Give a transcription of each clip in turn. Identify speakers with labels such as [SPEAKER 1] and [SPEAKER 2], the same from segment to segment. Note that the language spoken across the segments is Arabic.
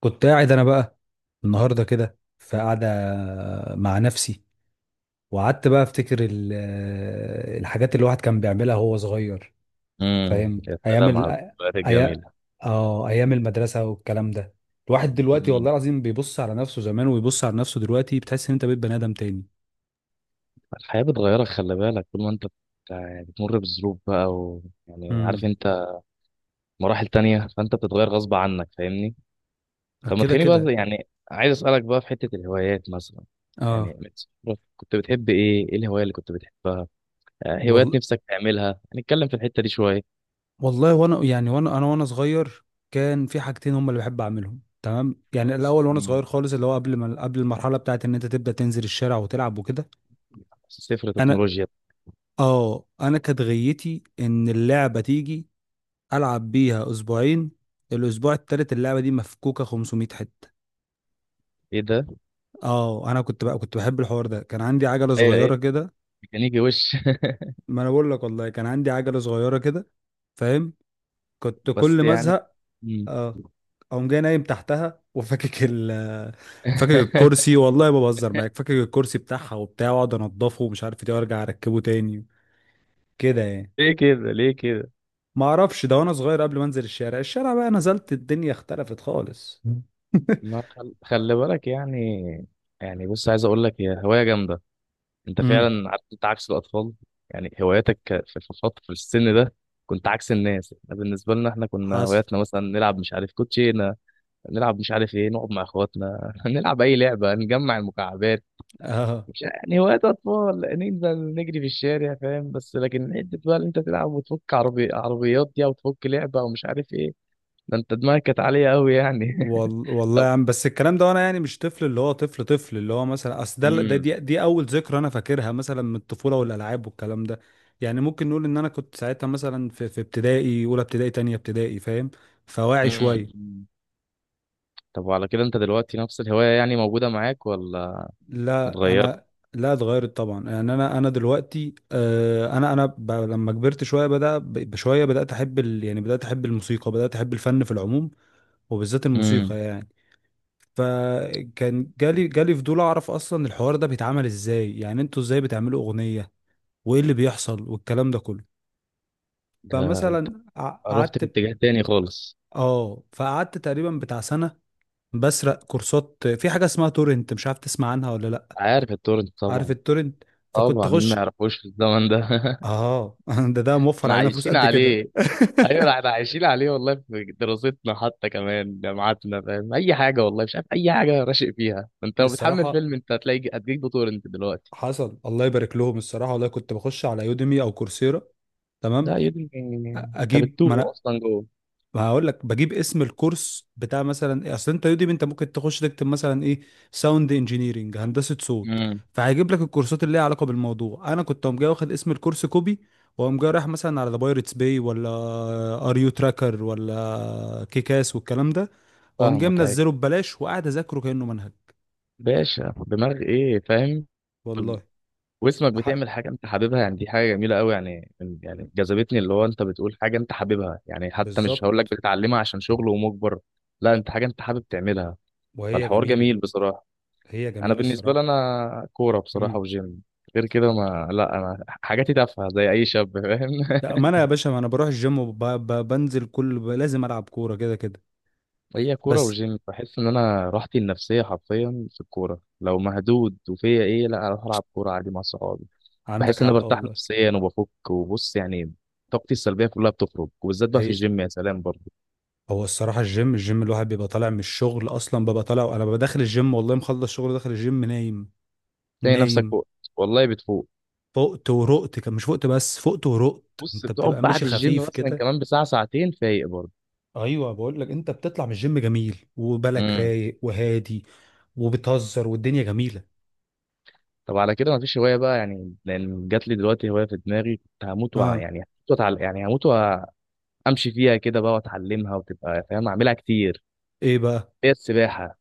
[SPEAKER 1] كنت قاعد انا بقى النهارده كده في قعده مع نفسي, وقعدت بقى افتكر الحاجات اللي الواحد كان بيعملها وهو صغير. فاهم
[SPEAKER 2] يا
[SPEAKER 1] ايام
[SPEAKER 2] سلام على
[SPEAKER 1] ال
[SPEAKER 2] الذكريات
[SPEAKER 1] أي...
[SPEAKER 2] الجميلة.
[SPEAKER 1] اه ايام المدرسه والكلام ده. الواحد دلوقتي والله
[SPEAKER 2] امم.
[SPEAKER 1] العظيم بيبص على نفسه زمان ويبص على نفسه دلوقتي, بتحس ان انت بقيت بني ادم تاني.
[SPEAKER 2] الحياة بتغيرك، خلي بالك. طول ما انت يعني بتمر بظروف بقى يعني عارف
[SPEAKER 1] امم.
[SPEAKER 2] انت، مراحل تانية، فانت بتتغير غصب عنك، فاهمني؟ طب ما
[SPEAKER 1] كده
[SPEAKER 2] تخليني بقى،
[SPEAKER 1] كده.
[SPEAKER 2] يعني عايز اسألك بقى في حتة الهوايات مثلا. يعني
[SPEAKER 1] اه.
[SPEAKER 2] من صغرك كنت بتحب ايه، الهواية اللي كنت بتحبها؟ هوايات
[SPEAKER 1] والله
[SPEAKER 2] نفسك تعملها، هنتكلم في الحتة دي شوية.
[SPEAKER 1] والله وانا يعني وانا صغير كان في حاجتين هم اللي بحب اعملهم, تمام. يعني الاول وانا
[SPEAKER 2] امم
[SPEAKER 1] صغير خالص اللي هو قبل ما قبل المرحله بتاعت ان انت تبدا تنزل الشارع وتلعب وكده.
[SPEAKER 2] صفر
[SPEAKER 1] انا.
[SPEAKER 2] تكنولوجيا.
[SPEAKER 1] اه انا كانت غيتي ان اللعبه تيجي العب بيها اسبوعين, الاسبوع التالت اللعبه دي مفكوكه 500 حته.
[SPEAKER 2] ايه ده؟
[SPEAKER 1] اه انا كنت بقى كنت بحب الحوار ده, كان عندي عجله
[SPEAKER 2] ايه
[SPEAKER 1] صغيره كده.
[SPEAKER 2] ميكانيكي وش؟
[SPEAKER 1] ما انا بقول لك والله كان عندي عجله صغيره كده, فاهم. كنت كل
[SPEAKER 2] بس
[SPEAKER 1] ما
[SPEAKER 2] يعني.
[SPEAKER 1] ازهق
[SPEAKER 2] امم.
[SPEAKER 1] اه اقوم جاي نايم تحتها وفكك فكك الكرسي, والله ما بهزر معاك, فكك الكرسي بتاعها وبتاع واقعد انضفه ومش عارف ايه وارجع اركبه تاني, كده يعني.
[SPEAKER 2] ليه كده ليه كده؟
[SPEAKER 1] ما اعرفش ده وانا صغير قبل ما انزل الشارع بقى نزلت الدنيا اختلفت خالص.
[SPEAKER 2] ما خل... خلي بالك يعني. يعني بص، عايز اقول لك هي هوايه جامده. انت
[SPEAKER 1] امم.
[SPEAKER 2] فعلا عارف، انت عكس الاطفال. يعني هواياتك، في فتره، في السن ده، كنت عكس الناس. احنا بالنسبه لنا احنا كنا
[SPEAKER 1] حصل.
[SPEAKER 2] هواياتنا مثلا نلعب، مش عارف، كوتشينه، نلعب مش عارف ايه، نقعد مع اخواتنا، نلعب اي لعبه، نجمع المكعبات.
[SPEAKER 1] اه
[SPEAKER 2] مش يعني هوايات اطفال ننزل نجري في الشارع، فاهم؟ بس لكن حته بقى اللي انت تلعب وتفك عربيات دي، او تفك لعبه ومش عارف ايه. ده انت دماغك كانت عاليه قوي يعني.
[SPEAKER 1] والله
[SPEAKER 2] طب.
[SPEAKER 1] يا عم, بس الكلام ده وانا يعني مش طفل, اللي هو طفل طفل اللي هو مثلا, اصل دي اول ذكرى انا فاكرها مثلا من الطفوله والالعاب والكلام ده. يعني ممكن نقول ان انا كنت ساعتها مثلا في ابتدائي, اولى ابتدائي تانية ابتدائي, فاهم, فواعي
[SPEAKER 2] امم.
[SPEAKER 1] شويه.
[SPEAKER 2] طب وعلى كده انت دلوقتي نفس الهواية يعني موجودة معاك ولا
[SPEAKER 1] لا
[SPEAKER 2] اتغيرت؟
[SPEAKER 1] انا. لا اتغيرت طبعا, يعني انا دلوقتي لما كبرت شويه بشويه بدات احب يعني بدات احب الموسيقى بدات احب الفن في العموم, وبالذات
[SPEAKER 2] امم
[SPEAKER 1] الموسيقى يعني. فكان جالي فضول اعرف اصلا الحوار ده بيتعمل ازاي, يعني انتوا ازاي بتعملوا اغنية, وايه اللي بيحصل والكلام ده كله.
[SPEAKER 2] ده،
[SPEAKER 1] فمثلا
[SPEAKER 2] رحت في
[SPEAKER 1] قعدت,
[SPEAKER 2] اتجاه تاني خالص.
[SPEAKER 1] اه فقعدت تقريبا بتاع سنة بسرق كورسات في حاجة اسمها تورنت, مش عارف تسمع عنها ولا لا.
[SPEAKER 2] عارف التورنت
[SPEAKER 1] عارف
[SPEAKER 2] طبعا.
[SPEAKER 1] التورنت. فكنت
[SPEAKER 2] طبعا، مين ما
[SPEAKER 1] اخش.
[SPEAKER 2] يعرفوش في الزمن ده؟
[SPEAKER 1] اه. ده موفر
[SPEAKER 2] احنا
[SPEAKER 1] علينا فلوس
[SPEAKER 2] عايشين
[SPEAKER 1] قد كده.
[SPEAKER 2] عليه. ايوه احنا عايشين عليه والله، في دراستنا حتى كمان جامعاتنا، فاهم؟ اي حاجة والله، مش عارف اي حاجة راشق فيها، انت لو بتحمل
[SPEAKER 1] الصراحة.
[SPEAKER 2] فيلم انت هتلاقي هتجيب تورنت دلوقتي.
[SPEAKER 1] حصل الله يبارك لهم الصراحة, والله كنت بخش على يوديمي او كورسيرا, تمام.
[SPEAKER 2] ده يا ابني انت
[SPEAKER 1] اجيب.
[SPEAKER 2] بتتوه اصلا جوه.
[SPEAKER 1] ما هقول لك بجيب اسم الكورس بتاع مثلا ايه, اصل انت يوديمي انت ممكن تخش تكتب مثلا ايه, ساوند انجينيرنج, هندسه صوت.
[SPEAKER 2] امم.
[SPEAKER 1] فهيجيب لك الكورسات اللي ليها علاقه بالموضوع. انا كنت قوم جاي واخد اسم الكورس كوبي, واقوم جاي رايح مثلا على ذا بايرتس باي ولا ار يو تراكر ولا كيكاس والكلام ده, واقوم جاي
[SPEAKER 2] فاهمك، ايوه.
[SPEAKER 1] منزله ببلاش وقاعد اذاكره كانه منهج.
[SPEAKER 2] باشا، دماغ ايه فاهم؟
[SPEAKER 1] والله.
[SPEAKER 2] واسمك
[SPEAKER 1] ده حق.
[SPEAKER 2] بتعمل حاجه انت حاببها يعني، دي حاجه جميله قوي، يعني يعني جذبتني. اللي هو انت بتقول حاجه انت حاببها، يعني حتى مش هقول لك
[SPEAKER 1] بالظبط.
[SPEAKER 2] بتتعلمها عشان شغل ومجبر. لا، انت حاجه انت حابب تعملها.
[SPEAKER 1] وهي
[SPEAKER 2] فالحوار
[SPEAKER 1] جميله.
[SPEAKER 2] جميل بصراحه.
[SPEAKER 1] هي
[SPEAKER 2] انا
[SPEAKER 1] جميله
[SPEAKER 2] بالنسبه لي،
[SPEAKER 1] الصراحه.
[SPEAKER 2] انا كوره بصراحه
[SPEAKER 1] امم.
[SPEAKER 2] وجيم. غير كده، ما لا انا حاجاتي تافهه زي اي شاب فاهم.
[SPEAKER 1] لا, ما انا يا باشا ما انا بروح الجيم وبنزل كل لازم العب كوره كده كده,
[SPEAKER 2] هي كوره
[SPEAKER 1] بس.
[SPEAKER 2] وجيم، بحس ان انا راحتي النفسيه حرفيا في الكوره. لو مهدود وفيا ايه، لا اروح العب كوره عادي مع صحابي.
[SPEAKER 1] عندك
[SPEAKER 2] بحس ان انا
[SPEAKER 1] حق
[SPEAKER 2] برتاح
[SPEAKER 1] والله.
[SPEAKER 2] نفسيا وبفك، وبص يعني، طاقتي السلبيه كلها بتخرج، وبالذات بقى في
[SPEAKER 1] هي.
[SPEAKER 2] الجيم يا سلام برضه.
[SPEAKER 1] هو الصراحة الجيم الواحد بيبقى طالع من الشغل أصلا, ببقى طالع, أنا ببقى داخل الجيم, والله مخلص شغل داخل الجيم نايم.
[SPEAKER 2] تلاقي نفسك
[SPEAKER 1] نايم.
[SPEAKER 2] فوق. والله بتفوق.
[SPEAKER 1] فقت ورقت, كان مش فقت بس فقت ورقت,
[SPEAKER 2] بص،
[SPEAKER 1] أنت
[SPEAKER 2] بتقعد
[SPEAKER 1] بتبقى
[SPEAKER 2] بعد
[SPEAKER 1] ماشي
[SPEAKER 2] الجيم
[SPEAKER 1] خفيف
[SPEAKER 2] مثلا
[SPEAKER 1] كده.
[SPEAKER 2] كمان بساعه ساعتين فايق برضه.
[SPEAKER 1] أيوة بقول لك أنت بتطلع من الجيم جميل وبالك
[SPEAKER 2] امم.
[SPEAKER 1] رايق وهادي, وبتهزر والدنيا جميلة.
[SPEAKER 2] طب على كده مفيش هوايه بقى يعني؟ لان جات لي دلوقتي هوايه في دماغي، كنت هموت
[SPEAKER 1] أه.
[SPEAKER 2] يعني هموت يعني هموت وامشي فيها كده بقى، واتعلمها وتبقى فاهم اعملها كتير.
[SPEAKER 1] إيه بقى.
[SPEAKER 2] هي السباحه.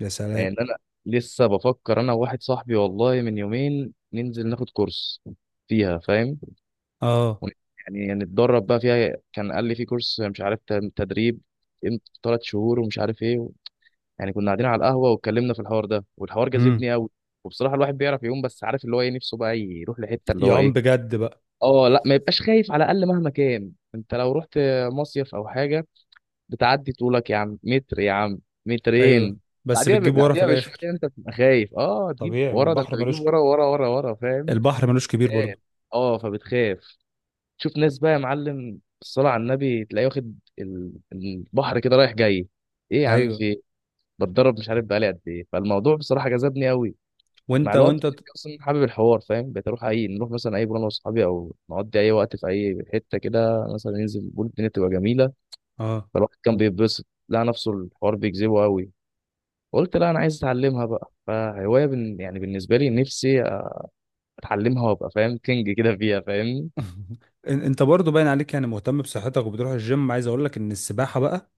[SPEAKER 1] يا سلام.
[SPEAKER 2] يعني انا لسه بفكر انا وواحد صاحبي، والله من يومين ننزل ناخد كورس فيها، فاهم؟
[SPEAKER 1] أه.
[SPEAKER 2] ون- يعني نتدرب بقى فيها، كان قال لي في كورس مش عارف تدريب، قيمته 3 شهور ومش عارف ايه يعني كنا قاعدين على القهوه واتكلمنا في الحوار ده، والحوار
[SPEAKER 1] امم.
[SPEAKER 2] جذبني قوي. وبصراحه الواحد بيعرف يقوم، بس عارف اللي هو ايه، نفسه بقى يروح لحته اللي هو
[SPEAKER 1] يعوم
[SPEAKER 2] ايه.
[SPEAKER 1] بجد بقى.
[SPEAKER 2] اه لا، ما يبقاش خايف، على الاقل مهما كان انت لو رحت مصيف او حاجه، بتعدي طولك يا عم، متر يا عم،
[SPEAKER 1] أيوة,
[SPEAKER 2] مترين.
[SPEAKER 1] بس بتجيب ورا في
[SPEAKER 2] بعديها
[SPEAKER 1] الآخر.
[SPEAKER 2] بشويه انت بتبقى خايف، اه تجيب
[SPEAKER 1] طبيعي, ما
[SPEAKER 2] ورا، ده انت
[SPEAKER 1] البحر
[SPEAKER 2] بتجيب ورا ورا ورا ورا، فاهم؟
[SPEAKER 1] البحر ملوش كبير
[SPEAKER 2] خايف.
[SPEAKER 1] برضه.
[SPEAKER 2] اه فبتخاف. تشوف ناس بقى يا معلم، الصلاة على النبي، تلاقيه واخد البحر كده رايح جاي. ايه يا عم في
[SPEAKER 1] ايوه.
[SPEAKER 2] ايه؟ بتدرب مش عارف بقالي قد ايه، فالموضوع بصراحة جذبني قوي مع
[SPEAKER 1] وانت
[SPEAKER 2] الوقت.
[SPEAKER 1] وانت ت-
[SPEAKER 2] اصلا حابب الحوار، فاهم؟ بقيت اروح اي، نروح مثلا اي بول انا واصحابي او نقضي اي وقت في اي حتة كده، مثلا ننزل بول الدنيا تبقى جميلة.
[SPEAKER 1] اه
[SPEAKER 2] فالواحد كان بيتبسط، لقى نفسه الحوار بيجذبه قوي. قلت لا انا عايز اتعلمها بقى، فهواية يعني بالنسبة لي، نفسي اتعلمها وابقى فاهم كينج كده فيها، فاهم؟
[SPEAKER 1] انت برضو باين عليك يعني مهتم بصحتك وبتروح الجيم, عايز اقول لك ان السباحه بقى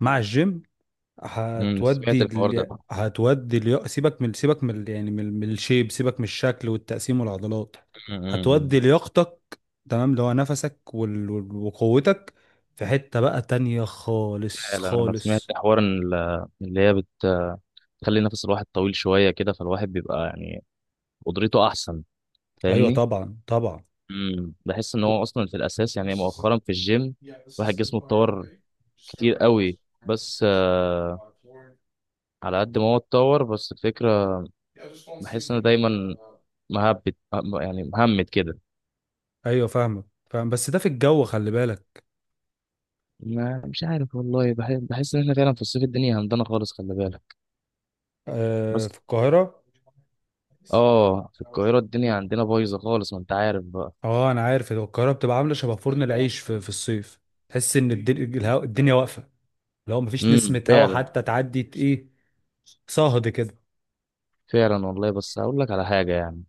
[SPEAKER 1] مع الجيم
[SPEAKER 2] سمعت الحوار ده.
[SPEAKER 1] سيبك من يعني من الشيب, سيبك من الشكل والتقسيم والعضلات.
[SPEAKER 2] مم.
[SPEAKER 1] هتودي لياقتك, تمام, اللي هو نفسك وقوتك, في حته بقى تانية خالص
[SPEAKER 2] فعلا انا سمعت
[SPEAKER 1] خالص.
[SPEAKER 2] حوار ان اللي هي بتخلي نفس الواحد طويل شويه كده، فالواحد بيبقى يعني قدرته احسن،
[SPEAKER 1] ايوه
[SPEAKER 2] فاهمني؟
[SPEAKER 1] طبعا طبعا.
[SPEAKER 2] بحس ان هو اصلا في الاساس، يعني مؤخرا في الجيم الواحد جسمه اتطور كتير قوي. بس على قد ما هو اتطور بس الفكره، بحس ان أنا دايما يعني مهمت كده.
[SPEAKER 1] ايوه فاهمك. فاهم, بس ده في الجو, خلي بالك.
[SPEAKER 2] ما مش عارف والله، بحس ان احنا فعلا في الصيف الدنيا همدانه خالص، خلي بالك
[SPEAKER 1] آه
[SPEAKER 2] بس.
[SPEAKER 1] في القاهره.
[SPEAKER 2] اه في القاهره الدنيا عندنا بايظه خالص، ما انت عارف بقى.
[SPEAKER 1] اه انا عارف, هو القاهره بتبقى عامله شبه فرن العيش في الصيف, تحس ان الدنيا واقفه, لو مفيش نسمه هوا
[SPEAKER 2] فعلا.
[SPEAKER 1] حتى تعدي ايه, صهد كده.
[SPEAKER 2] فعلا والله، بس هقول لك على حاجة يعني.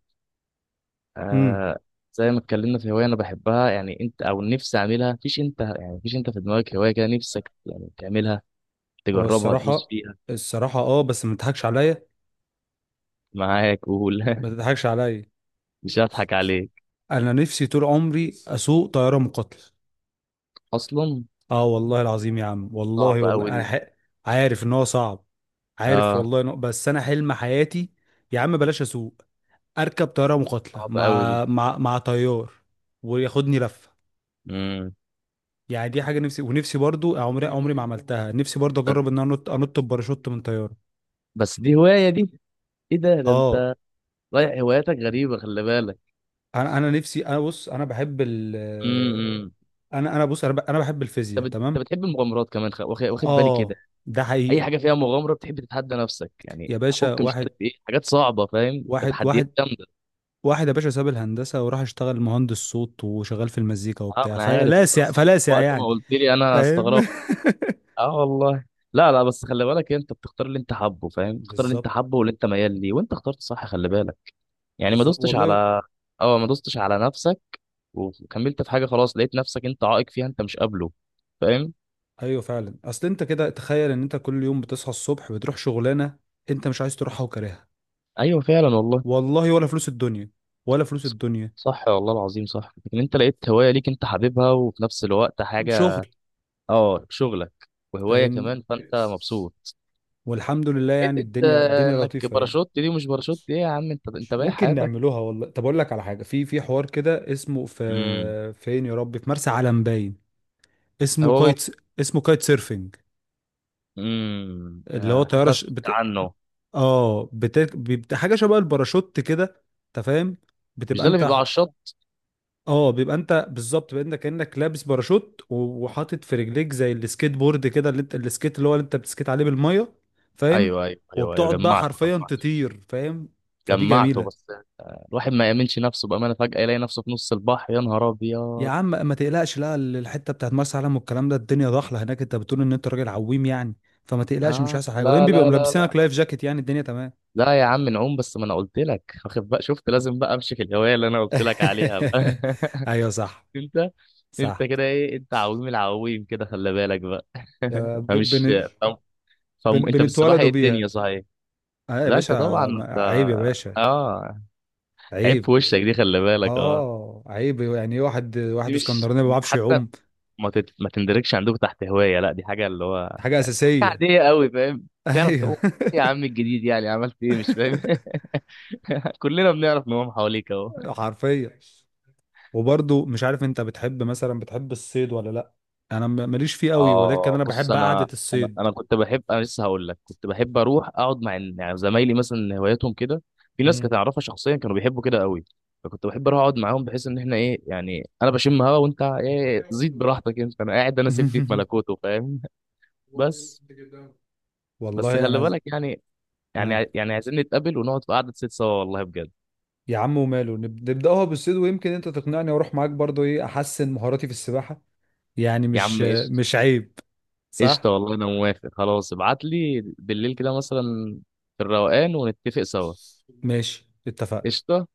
[SPEAKER 1] امم.
[SPEAKER 2] آه زي ما اتكلمنا في هواية أنا بحبها، يعني أنت أو نفسي أعملها، مفيش أنت يعني، مفيش أنت في دماغك هواية كده نفسك يعني تعملها،
[SPEAKER 1] هو
[SPEAKER 2] تجربها تدوس
[SPEAKER 1] الصراحه.
[SPEAKER 2] فيها؟
[SPEAKER 1] الصراحه, اه, بس ما تضحكش عليا.
[SPEAKER 2] معاك، قول.
[SPEAKER 1] ما تضحكش عليا.
[SPEAKER 2] مش هضحك عليك.
[SPEAKER 1] انا نفسي طول عمري اسوق طياره مقاتله.
[SPEAKER 2] أصلا.
[SPEAKER 1] اه والله العظيم يا عم, والله
[SPEAKER 2] صعبة
[SPEAKER 1] والله
[SPEAKER 2] أوي
[SPEAKER 1] أنا
[SPEAKER 2] دي.
[SPEAKER 1] عارف ان هو صعب. عارف
[SPEAKER 2] آه.
[SPEAKER 1] والله بس انا حلم حياتي. يا عم بلاش اسوق, اركب طياره مقاتله
[SPEAKER 2] صعبة أوي دي.
[SPEAKER 1] مع طيار وياخدني لفه,
[SPEAKER 2] مم.
[SPEAKER 1] يعني دي حاجه نفسي. ونفسي برضو عمري عمري ما عملتها, نفسي برضو
[SPEAKER 2] بس.
[SPEAKER 1] اجرب ان انا انط بباراشوت من طياره.
[SPEAKER 2] بس دي هواية دي. إيه ده،
[SPEAKER 1] اه.
[SPEAKER 2] أنت رايح، هواياتك غريبة، خلي بالك.
[SPEAKER 1] انا نفسي
[SPEAKER 2] امم
[SPEAKER 1] انا بص انا بحب الفيزياء,
[SPEAKER 2] أنت
[SPEAKER 1] تمام.
[SPEAKER 2] بتحب المغامرات كمان، واخد بالي كده.
[SPEAKER 1] اه, ده
[SPEAKER 2] اي
[SPEAKER 1] حقيقي.
[SPEAKER 2] حاجه فيها مغامره بتحب تتحدى نفسك، يعني
[SPEAKER 1] يا باشا
[SPEAKER 2] تفك مش عارف ايه حاجات صعبه، فاهم؟ ده
[SPEAKER 1] واحد
[SPEAKER 2] تحديات
[SPEAKER 1] واحد
[SPEAKER 2] جامده.
[SPEAKER 1] واحد يا باشا ساب الهندسه وراح اشتغل مهندس صوت وشغال في المزيكا
[SPEAKER 2] اه
[SPEAKER 1] وبتاع
[SPEAKER 2] انا عارف انت
[SPEAKER 1] فلاسع
[SPEAKER 2] اصلا،
[SPEAKER 1] فلاسع
[SPEAKER 2] وقت ما
[SPEAKER 1] يعني,
[SPEAKER 2] قلت لي انا
[SPEAKER 1] فاهم.
[SPEAKER 2] استغربت. اه والله. لا لا، بس خلي بالك انت بتختار اللي انت حابه، فاهم؟ تختار اللي انت
[SPEAKER 1] بالظبط,
[SPEAKER 2] حابه واللي انت ميال ليه، وانت اخترت صح خلي بالك. يعني ما
[SPEAKER 1] بالظبط
[SPEAKER 2] دوستش
[SPEAKER 1] والله.
[SPEAKER 2] على. اه ما دوستش على نفسك، وكملت في حاجه خلاص، لقيت نفسك انت عائق فيها، انت مش قابله، فاهم؟
[SPEAKER 1] ايوه فعلا, اصل انت كده تخيل ان انت كل يوم بتصحى الصبح بتروح شغلانه انت مش عايز تروحها وكارهها
[SPEAKER 2] ايوه فعلا والله.
[SPEAKER 1] والله, ولا فلوس الدنيا. ولا فلوس الدنيا.
[SPEAKER 2] صح والله العظيم صح، لكن انت لقيت هوايه ليك انت حاببها وفي نفس الوقت حاجه.
[SPEAKER 1] شغل.
[SPEAKER 2] اه، شغلك وهوايه
[SPEAKER 1] فاهم.
[SPEAKER 2] كمان، فانت مبسوط.
[SPEAKER 1] والحمد لله يعني,
[SPEAKER 2] حته
[SPEAKER 1] الدنيا الدنيا
[SPEAKER 2] انك
[SPEAKER 1] لطيفه يعني.
[SPEAKER 2] باراشوت دي ومش باراشوت دي يا عم، انت بايع
[SPEAKER 1] ممكن
[SPEAKER 2] حياتك.
[SPEAKER 1] نعملوها والله. طب اقول لك على حاجه, في حوار كده اسمه, في
[SPEAKER 2] امم.
[SPEAKER 1] فين يا ربي, في مرسى علم باين, اسمه
[SPEAKER 2] هو م-
[SPEAKER 1] كايت اسمه كايت سيرفنج,
[SPEAKER 2] امم.
[SPEAKER 1] اللي هو
[SPEAKER 2] حاسس إن
[SPEAKER 1] طياره
[SPEAKER 2] أنا
[SPEAKER 1] ش...
[SPEAKER 2] سمعت
[SPEAKER 1] بت...
[SPEAKER 2] عنه.
[SPEAKER 1] اه بت... بت... حاجه شبه الباراشوت كده, انت فاهم,
[SPEAKER 2] مش
[SPEAKER 1] بتبقى
[SPEAKER 2] ده اللي بيبقى على الشط؟
[SPEAKER 1] اه بيبقى انت بالظبط بانك كانك لابس باراشوت, و- وحاطط في رجليك زي السكيت بورد كده اللي انت السكيت اللي هو اللي انت بتسكيت عليه بالميه, فاهم.
[SPEAKER 2] ايوه ايوه ايوه ايوه،
[SPEAKER 1] وبتقعد بقى
[SPEAKER 2] جمعته
[SPEAKER 1] حرفيا
[SPEAKER 2] جمعته.
[SPEAKER 1] تطير, فاهم. فدي
[SPEAKER 2] جمعته بس.
[SPEAKER 1] جميله.
[SPEAKER 2] الواحد ما يامنش نفسه بامانه، فجاه يلاقي نفسه في نص البحر، يا نهار
[SPEAKER 1] يا
[SPEAKER 2] ابيض.
[SPEAKER 1] عم ما تقلقش, لا الحته بتاعت مرسى علم والكلام ده الدنيا ضحله هناك, انت بتقول ان انت راجل عويم يعني, فما تقلقش مش
[SPEAKER 2] اه
[SPEAKER 1] هيحصل حاجه, وبعدين
[SPEAKER 2] لا
[SPEAKER 1] بيبقوا
[SPEAKER 2] لا لا لا.
[SPEAKER 1] ملبسينك لايف جاكيت يعني الدنيا تمام.
[SPEAKER 2] لا يا عم نعوم، بس ما انا قلت لك، واخد بقى شفت؟ لازم بقى امشي في الهوايه اللي انا قلت لك عليها بقى.
[SPEAKER 1] ايوه صح.
[SPEAKER 2] انت. انت
[SPEAKER 1] صح.
[SPEAKER 2] كده ايه، انت عويم العويم كده خلي بالك بقى.
[SPEAKER 1] يا ب-
[SPEAKER 2] فمش،
[SPEAKER 1] بن
[SPEAKER 2] فم...
[SPEAKER 1] بن
[SPEAKER 2] انت في السباحه
[SPEAKER 1] بنتولدوا
[SPEAKER 2] ايه
[SPEAKER 1] بيها.
[SPEAKER 2] الدنيا صحيح.
[SPEAKER 1] اه يا
[SPEAKER 2] لا
[SPEAKER 1] باشا.
[SPEAKER 2] انت طبعا انت.
[SPEAKER 1] عيب يا باشا.
[SPEAKER 2] اه، عيب
[SPEAKER 1] عيب.
[SPEAKER 2] في وشك دي، خلي بالك اه.
[SPEAKER 1] اه, عيب, يعني ايه واحد,
[SPEAKER 2] دي
[SPEAKER 1] واحد
[SPEAKER 2] مش
[SPEAKER 1] اسكندراني ما
[SPEAKER 2] دي
[SPEAKER 1] بيعرفش
[SPEAKER 2] حتى،
[SPEAKER 1] يعوم,
[SPEAKER 2] ما تندركش عندك تحت هوايه، لا دي حاجه اللي هو
[SPEAKER 1] حاجه
[SPEAKER 2] يعني حاجه
[SPEAKER 1] اساسيه.
[SPEAKER 2] عاديه قوي، فاهم؟ تعرف
[SPEAKER 1] ايوه.
[SPEAKER 2] تقول ايه يا عم الجديد، يعني عملت ايه مش فاهم؟ كلنا بنعرف نقوم حواليك اهو.
[SPEAKER 1] حرفيا. وبرضو مش عارف انت بتحب مثلا بتحب الصيد ولا لا, انا ماليش فيه قوي, ولكن
[SPEAKER 2] اه
[SPEAKER 1] انا
[SPEAKER 2] بص
[SPEAKER 1] بحب
[SPEAKER 2] انا،
[SPEAKER 1] قعده
[SPEAKER 2] انا
[SPEAKER 1] الصيد.
[SPEAKER 2] انا كنت بحب، انا لسه هقول لك، كنت بحب اروح اقعد مع يعني زمايلي مثلا هواياتهم كده. في ناس كنت
[SPEAKER 1] امم.
[SPEAKER 2] اعرفها شخصيا كانوا بيحبوا كده قوي، فكنت بحب اروح اقعد معاهم، بحيث ان احنا ايه يعني، انا بشم هوا وانت ايه زيد براحتك، انت انا قاعد انا سيبني في ملكوته، فاهم؟ بس. بس
[SPEAKER 1] والله
[SPEAKER 2] خلي بالك يعني، يعني
[SPEAKER 1] ها
[SPEAKER 2] يعني عايزين نتقابل ونقعد في قعده ست سوا، والله بجد.
[SPEAKER 1] يا عم وماله, نبداها بالصيد ويمكن انت تقنعني واروح معاك برضو, ايه احسن مهاراتي في السباحه يعني,
[SPEAKER 2] يا عم قشطه.
[SPEAKER 1] مش عيب.
[SPEAKER 2] قشطه
[SPEAKER 1] صح.
[SPEAKER 2] والله، انا موافق خلاص، ابعت لي بالليل كده مثلا في الروقان ونتفق سوا.
[SPEAKER 1] ماشي اتفقنا.
[SPEAKER 2] قشطه.